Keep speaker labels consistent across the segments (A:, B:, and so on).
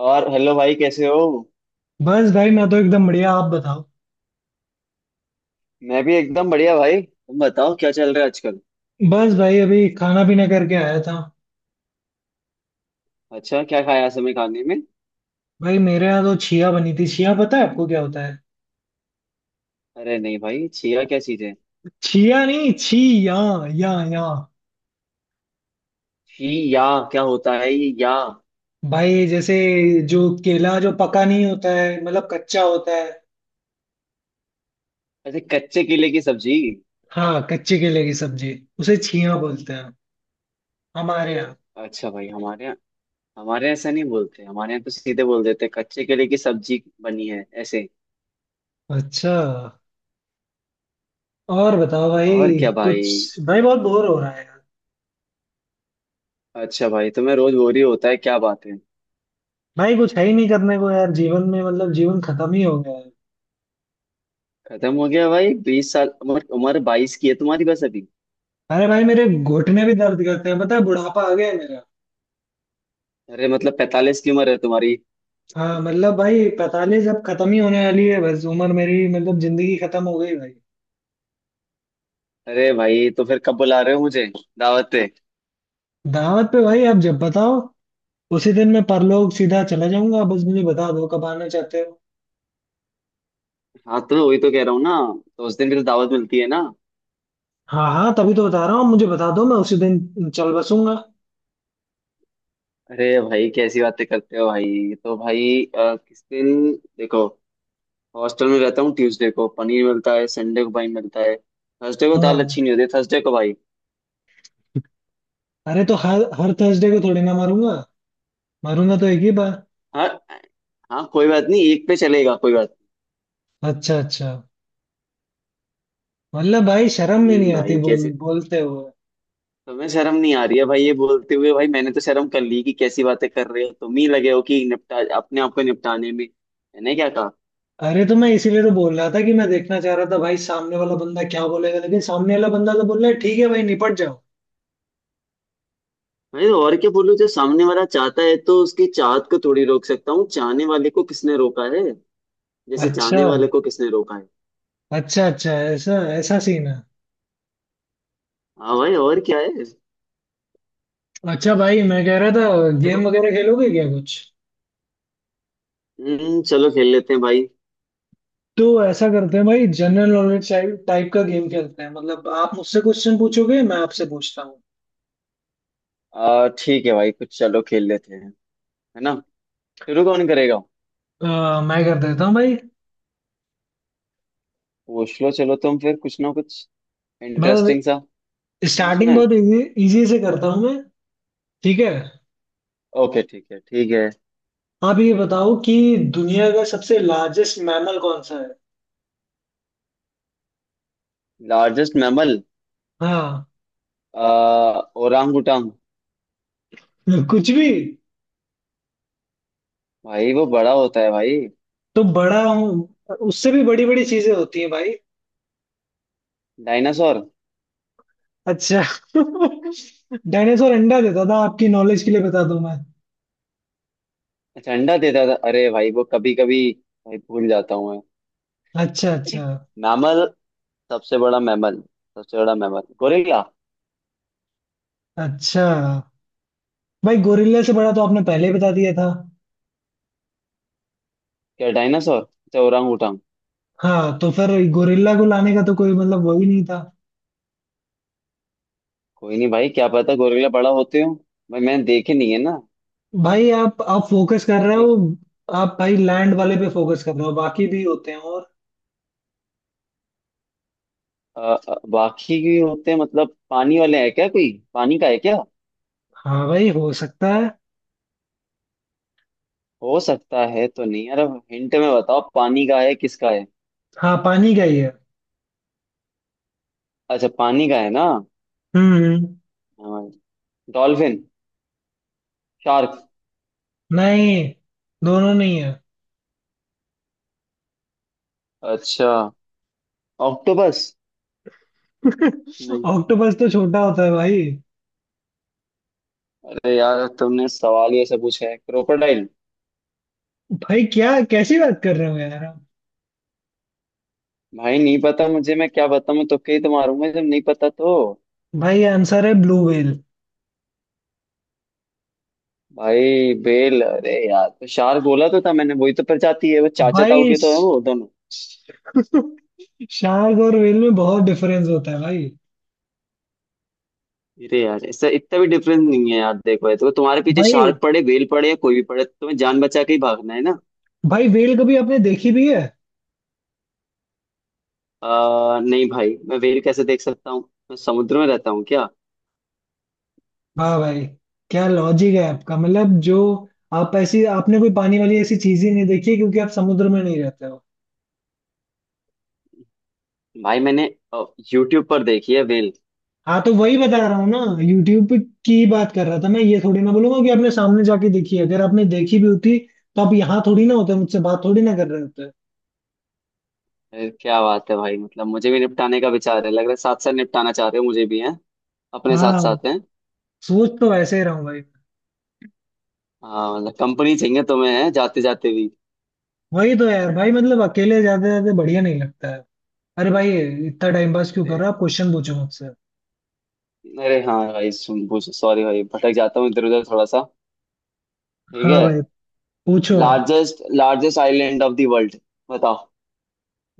A: और हेलो भाई, कैसे हो?
B: बस भाई, मैं तो एकदम बढ़िया। आप बताओ।
A: मैं भी एकदम बढ़िया भाई, तुम बताओ क्या चल रहा है आजकल?
B: बस भाई अभी खाना पीना करके आया था।
A: अच्छा, क्या खाया आज हमें खाने में?
B: भाई मेरे यहाँ तो छिया बनी थी। छिया पता है आपको क्या होता है?
A: अरे नहीं भाई, छिया क्या चीज है?
B: छिया नहीं, छी या या या।
A: छी या? क्या होता है ये या?
B: भाई जैसे, जो केला जो पका नहीं होता है मतलब कच्चा होता है।
A: ऐसे कच्चे केले की सब्जी?
B: हाँ, कच्चे केले की सब्जी उसे छिया बोलते हैं हमारे यहाँ।
A: अच्छा भाई, हमारे यहाँ ऐसा नहीं बोलते, हमारे यहाँ तो सीधे बोल देते हैं, कच्चे केले की सब्जी बनी है ऐसे।
B: अच्छा। और बताओ
A: और
B: भाई।
A: क्या भाई।
B: कुछ भाई, बहुत बोर हो रहा है यार।
A: अच्छा भाई, तुम्हें रोज बोरी होता है, क्या बात है?
B: भाई कुछ है ही नहीं करने को यार, जीवन में, मतलब जीवन खत्म ही हो गया है।
A: खत्म हो गया भाई? 20 साल उम्र उम्र 22 की है तुम्हारी बस अभी।
B: अरे भाई मेरे घुटने भी दर्द करते हैं, पता है, बुढ़ापा आ गया है मेरा।
A: अरे मतलब 45 की उम्र है तुम्हारी?
B: हाँ मतलब भाई 45, अब खत्म ही होने वाली है बस उम्र मेरी, मतलब जिंदगी खत्म हो गई भाई।
A: अरे भाई, तो फिर कब बुला रहे हो मुझे दावत पे?
B: दावत पे भाई आप जब बताओ। उसी दिन मैं परलोक सीधा चला जाऊंगा, बस मुझे बता दो कब आना चाहते हो।
A: हाँ, तो वही तो कह रहा हूँ ना। तो उस दिन भी तो दावत मिलती है ना।
B: हाँ हाँ, तभी तो बता रहा हूँ। मुझे बता दो, मैं उसी दिन चल बसूंगा।
A: अरे भाई, कैसी बातें करते हो भाई, तो भाई किस दिन? देखो, हॉस्टल में रहता हूँ, ट्यूसडे को पनीर मिलता है, संडे को भाई मिलता है, थर्सडे को दाल
B: हाँ।
A: अच्छी नहीं होती, थर्सडे को भाई।
B: अरे तो हर हर थर्सडे को थोड़ी ना मारूंगा। मारूंगा तो एक ही बार।
A: हाँ। हाँ, कोई बात नहीं, एक पे चलेगा, कोई बात
B: अच्छा अच्छा। मतलब भाई, शर्म में
A: नहीं।
B: नहीं
A: हम्म।
B: आती
A: भाई
B: बोल
A: कैसे
B: बोलते हो।
A: तुम्हें शर्म नहीं आ रही है भाई ये बोलते हुए? भाई मैंने तो शर्म कर ली कि कैसी बातें कर रहे हो, तुम ही लगे हो कि निपटा अपने आप को, निपटाने में मैंने क्या कहा?
B: अरे तो मैं इसीलिए तो बोल रहा था कि मैं देखना चाह रहा था भाई सामने वाला बंदा क्या बोलेगा, लेकिन सामने वाला बंदा तो बोल रहा है ठीक है भाई निपट जाओ।
A: भाई और क्या बोलूं, जो सामने वाला चाहता है तो उसकी चाहत को थोड़ी रोक सकता हूँ, चाहने वाले को किसने रोका है। जैसे
B: अच्छा।
A: चाहने वाले को किसने रोका है।
B: अच्छा अच्छा, ऐसा ऐसा सीन है।
A: हाँ भाई, और क्या है?
B: अच्छा भाई मैं कह रहा था,
A: देखो।
B: गेम वगैरह खेलोगे क्या कुछ?
A: चलो खेल लेते हैं भाई।
B: तो ऐसा करते हैं भाई, जनरल नॉलेज टाइप टाइप का गेम खेलते हैं। मतलब आप मुझसे क्वेश्चन पूछोगे, मैं आपसे पूछता हूँ।
A: आ ठीक है भाई, कुछ चलो खेल लेते हैं, है ना? शुरू कौन करेगा?
B: मैं कर देता हूँ भाई।
A: पूछ लो, चलो तुम फिर कुछ ना कुछ
B: मैं
A: इंटरेस्टिंग सा पूछना
B: स्टार्टिंग
A: है।
B: बहुत इजी, इजी से करता हूँ मैं। ठीक है।
A: ओके, ठीक है ठीक है।
B: आप ये बताओ कि दुनिया का सबसे लार्जेस्ट मैमल कौन सा है?
A: Largest mammal.
B: हाँ।
A: आ ओरांग उटांग?
B: कुछ भी?
A: भाई वो बड़ा होता है भाई।
B: तो बड़ा हूँ, उससे भी बड़ी बड़ी चीजें होती हैं भाई।
A: डायनासोर।
B: अच्छा। डायनासोर अंडा देता था, आपकी नॉलेज के लिए बता दूं मैं।
A: अच्छा, अंडा देता था? अरे भाई, वो कभी कभी भाई भूल जाता हूँ मैं।
B: अच्छा अच्छा।
A: मैमल। सबसे बड़ा मैमल। सबसे बड़ा मैमल गोरिल्ला।
B: अच्छा भाई, गोरिल्ला से बड़ा तो आपने पहले ही बता दिया था।
A: क्या डायनासोर? अच्छा, ओरांग उटांग।
B: हाँ तो फिर गोरिल्ला को लाने का तो
A: ओके।
B: कोई मतलब वही नहीं था।
A: कोई नहीं भाई, क्या पता गोरिल्ला बड़ा होते हो, भाई मैंने देखे नहीं है ना,
B: भाई आप फोकस कर रहे
A: इसलिए।
B: हो। आप भाई लैंड वाले पे फोकस कर रहे हो, बाकी भी होते हैं और।
A: बाकी भी होते हैं मतलब? पानी वाले हैं क्या? कोई पानी का है क्या?
B: हाँ भाई हो सकता है।
A: हो सकता है तो नहीं, अरे हिंट में बताओ, पानी का है, किसका है?
B: हाँ पानी का ही है।
A: अच्छा, पानी का है ना।
B: हम्म।
A: डॉल्फिन। शार्क।
B: नहीं, दोनों नहीं है।
A: अच्छा। ऑक्टोपस। नहीं।
B: ऑक्टोपस तो छोटा होता है भाई।
A: अरे यार, तुमने सवाल ही ऐसे पूछा है। क्रोकोडाइल।
B: भाई क्या, कैसी बात कर रहे हो यार आप?
A: भाई नहीं पता मुझे, मैं क्या बताऊं, तुक्के ही तो मारूंगा जब नहीं पता तो।
B: भाई आंसर है ब्लू व्हेल।
A: भाई बेल? अरे यार, तो शार्क बोला तो था मैंने, वही तो प्रजाति है वो, चाचा ताऊ
B: भाई
A: के तो है वो दोनों।
B: शार्क और व्हेल में बहुत डिफरेंस होता है भाई
A: अरे यार, इससे इतना भी डिफरेंस नहीं है यार, देखो ये तो तुम्हारे पीछे
B: भाई
A: शार्क पड़े, बेल पड़े या कोई भी पड़े, तो तुम्हें जान बचा के ही भागना है ना।
B: भाई व्हेल कभी आपने देखी भी है?
A: नहीं भाई, मैं वेल कैसे देख सकता हूँ, मैं समुद्र में रहता हूँ क्या?
B: वाह भाई, क्या लॉजिक है आपका, मतलब जो आप ऐसी, आपने कोई पानी वाली ऐसी चीज ही नहीं देखी है, क्योंकि आप समुद्र में नहीं रहते हो।
A: भाई मैंने यूट्यूब पर देखी है वेल।
B: हाँ तो वही बता रहा हूँ ना, यूट्यूब पे की बात कर रहा था मैं। ये थोड़ी ना बोलूंगा कि आपने सामने जाके देखी है। अगर आपने देखी भी होती तो आप यहाँ थोड़ी ना होते, मुझसे बात थोड़ी ना कर रहे होते।
A: अरे क्या बात है भाई, मतलब मुझे भी निपटाने का विचार है लग रहा है, साथ साथ निपटाना चाह रहे हो मुझे भी, है अपने साथ
B: हाँ,
A: साथ? हैं
B: सोच तो ऐसे ही रहा हूँ भाई।
A: हाँ, मतलब कंपनी चाहिए तुम्हें, है जाते जाते भी?
B: वही तो यार भाई, मतलब अकेले जाते जाते बढ़िया नहीं लगता है। अरे भाई इतना टाइम पास क्यों
A: अरे,
B: कर रहा आप, क्वेश्चन पूछो मुझसे।
A: अरे हाँ भाई, सुन पूछ, सॉरी भाई, भटक जाता हूँ इधर उधर थोड़ा सा। ठीक
B: हाँ
A: है।
B: भाई, पूछो आप।
A: Largest largest island of the world, बताओ।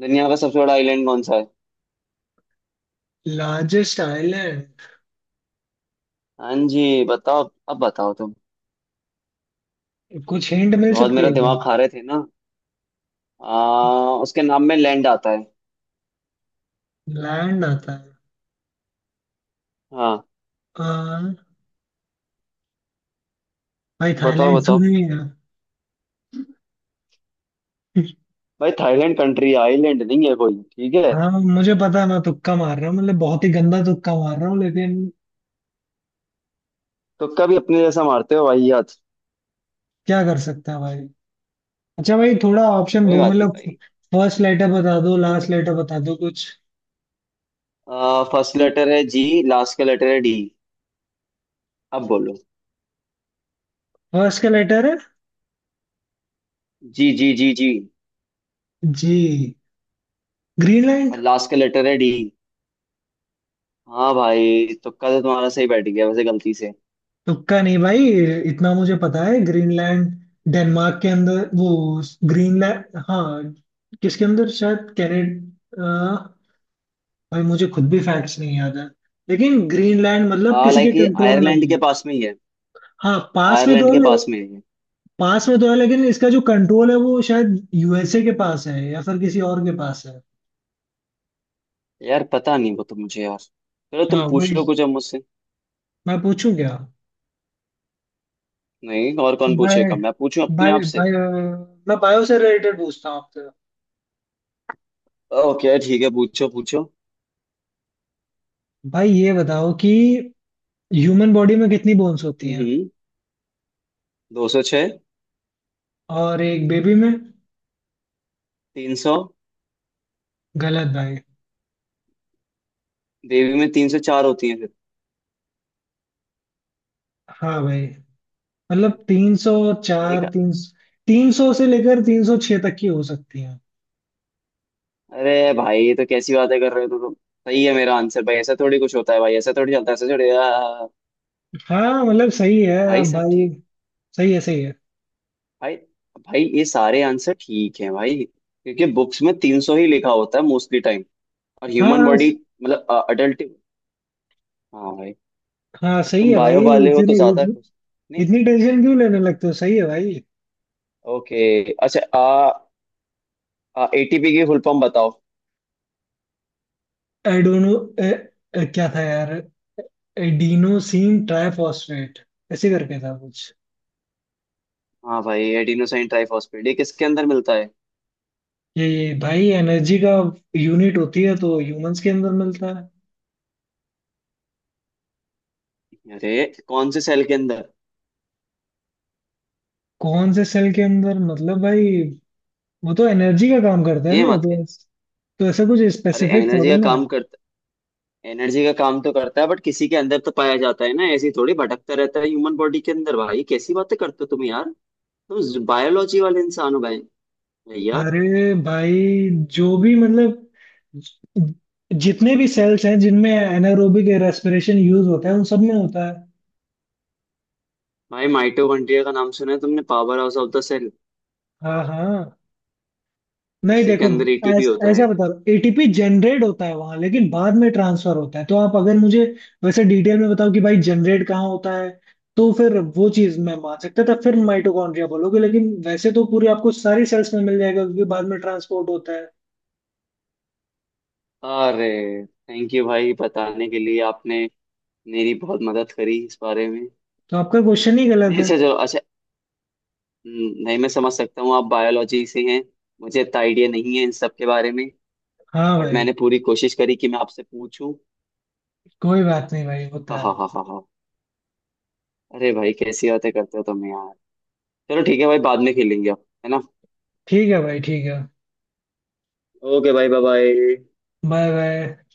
A: दुनिया का सबसे बड़ा आइलैंड कौन सा है?
B: Largest island.
A: हाँ जी बताओ, अब बताओ तुम,
B: कुछ हिंट मिल
A: बहुत
B: सकती
A: मेरा
B: है क्या?
A: दिमाग खा रहे थे ना। उसके नाम में लैंड आता है।
B: लैंड आता है।
A: हाँ,
B: आ, भाई
A: बताओ
B: थाईलैंड तो
A: बताओ।
B: नहीं है?
A: भाई थाईलैंड कंट्री, आइलैंड नहीं है कोई, ठीक है।
B: हाँ मुझे पता है, मैं तुक्का मार रहा हूँ, मतलब बहुत ही गंदा तुक्का मार रहा हूँ, लेकिन
A: तुक्का भी अपने जैसा मारते हो भाई, याद।
B: क्या कर सकते हैं भाई। अच्छा भाई थोड़ा ऑप्शन
A: कोई
B: दो
A: बात नहीं
B: मतलब,
A: भाई।
B: फर्स्ट लेटर बता दो, लास्ट लेटर बता दो कुछ।
A: फर्स्ट लेटर है जी, लास्ट का लेटर है डी, अब बोलो।
B: फर्स्ट का लेटर है
A: G G G G.
B: G. Greenland.
A: और लास्ट का लेटर है डी। हाँ भाई, तुक्का तो तुम्हारा सही बैठ गया वैसे, गलती से।
B: तुक्का नहीं भाई, इतना मुझे पता है, ग्रीनलैंड डेनमार्क के अंदर, वो ग्रीनलैंड हाँ, किसके अंदर, शायद कनाडा। भाई मुझे खुद भी फैक्ट्स नहीं याद है, लेकिन ग्रीनलैंड मतलब
A: आ
B: किसी के
A: लाइक ये
B: कंट्रोल में ही
A: आयरलैंड के
B: है।
A: पास में ही है।
B: हाँ पास में तो
A: आयरलैंड के
B: है।
A: पास में है ये।
B: पास में तो है, लेकिन इसका जो कंट्रोल है वो शायद यूएसए के पास है या फिर किसी और के पास है।
A: यार पता नहीं वो तो मुझे, यार चलो तुम
B: हाँ
A: पूछ
B: वही।
A: लो कुछ अब मुझसे।
B: मैं पूछूं क्या?
A: नहीं, और कौन
B: बाय
A: पूछेगा, मैं पूछूं अपने
B: बाय
A: आप से?
B: बाय। मैं बायो से रिलेटेड पूछता हूँ आपसे।
A: ओके ठीक है, पूछो पूछो।
B: भाई ये बताओ कि ह्यूमन बॉडी में कितनी बोन्स होती हैं?
A: हम्म। 206।
B: और एक बेबी में?
A: 300।
B: गलत भाई।
A: देवी में 304 होती है फिर।
B: हाँ भाई,
A: हैं?
B: मतलब 300 चार,
A: ठीक है।
B: तीन। 300 से लेकर 306 तक की हो सकती हैं।
A: अरे भाई, ये तो कैसी बातें कर रहे हो तुम, सही है मेरा आंसर भाई, ऐसा थोड़ी कुछ होता है भाई, ऐसा थोड़ी चलता है, ऐसा थोड़ी।
B: हाँ मतलब सही है
A: भाई सब
B: भाई।
A: ठीक।
B: सही है, सही है।
A: भाई। भाई ये सारे आंसर ठीक हैं भाई, क्योंकि बुक्स में 300 ही लिखा होता है मोस्टली टाइम। और
B: हाँ
A: ह्यूमन
B: हाँ।
A: बॉडी, मतलब अडल्ट। हाँ भाई।
B: हाँ,
A: अब
B: सही
A: तुम
B: है भाई।
A: बायो वाले हो तो
B: इतने,
A: ज्यादा खुश? नहीं।
B: इतनी टेंशन क्यों लेने लगते हो? सही है भाई।
A: ओके। अच्छा एटीपी की फुल फॉर्म बताओ।
B: एडोनो, ए, ए, क्या था यार, एडिनोसिन ट्राइफॉस्फेट, ऐसे करके था कुछ।
A: हाँ भाई, एडिनोसाइन ट्राइफॉस्फेट, ये किसके अंदर मिलता है?
B: ये भाई एनर्जी का यूनिट होती है, तो ह्यूमंस के अंदर मिलता है।
A: अरे कौन से सेल के अंदर?
B: कौन से सेल के अंदर, मतलब भाई, वो तो एनर्जी का काम करता है
A: ये
B: ना,
A: मत कह।
B: तो तो ऐसा कुछ
A: अरे
B: स्पेसिफिक
A: एनर्जी
B: थोड़ी
A: का
B: ना है।
A: काम करता? एनर्जी का काम तो करता है, बट किसी के अंदर तो पाया जाता है ना, ऐसी थोड़ी भटकता रहता है ह्यूमन बॉडी के अंदर, भाई कैसी बातें करते हो तुम यार, तुम बायोलॉजी वाले इंसान हो भाई, भैया।
B: अरे भाई, जो भी मतलब, ज- जितने भी सेल्स हैं जिनमें एनारोबिक रेस्पिरेशन यूज होता है उन सब में होता है।
A: भाई माइटोकॉन्ड्रिया का नाम सुना है तुमने, powerhouse of the cell,
B: हाँ हाँ। नहीं
A: उसी के
B: देखो,
A: अंदर एटीपी होता
B: ऐसा
A: है।
B: बता रहा हूँ, एटीपी जनरेट होता है वहां, लेकिन बाद में ट्रांसफर होता है। तो आप अगर मुझे वैसे डिटेल में बताओ कि भाई जनरेट कहाँ होता है, तो फिर वो चीज मैं मान सकता था, फिर माइटोकॉन्ड्रिया बोलोगे, लेकिन वैसे तो पूरी आपको सारी सेल्स में मिल जाएगा, क्योंकि बाद में ट्रांसपोर्ट होता है।
A: अरे थैंक यू भाई बताने के लिए, आपने मेरी बहुत मदद करी इस बारे में।
B: तो आपका क्वेश्चन ही गलत
A: नहीं
B: है।
A: अच्छा, चलो अच्छा। नहीं मैं समझ सकता हूँ, आप बायोलॉजी से हैं, मुझे इतना आइडिया नहीं है इन सब के बारे में,
B: हाँ
A: बट
B: भाई।
A: मैंने पूरी कोशिश करी कि मैं आपसे पूछूं।
B: कोई बात नहीं भाई, होता
A: हाँ हाँ
B: है।
A: हाँ हाँ। अरे भाई, कैसी बातें करते हो तुम यार, चलो ठीक है भाई, बाद में खेलेंगे अब, है ना?
B: ठीक है भाई, ठीक है।
A: ओके भाई, बाय बाय।
B: Bye bye.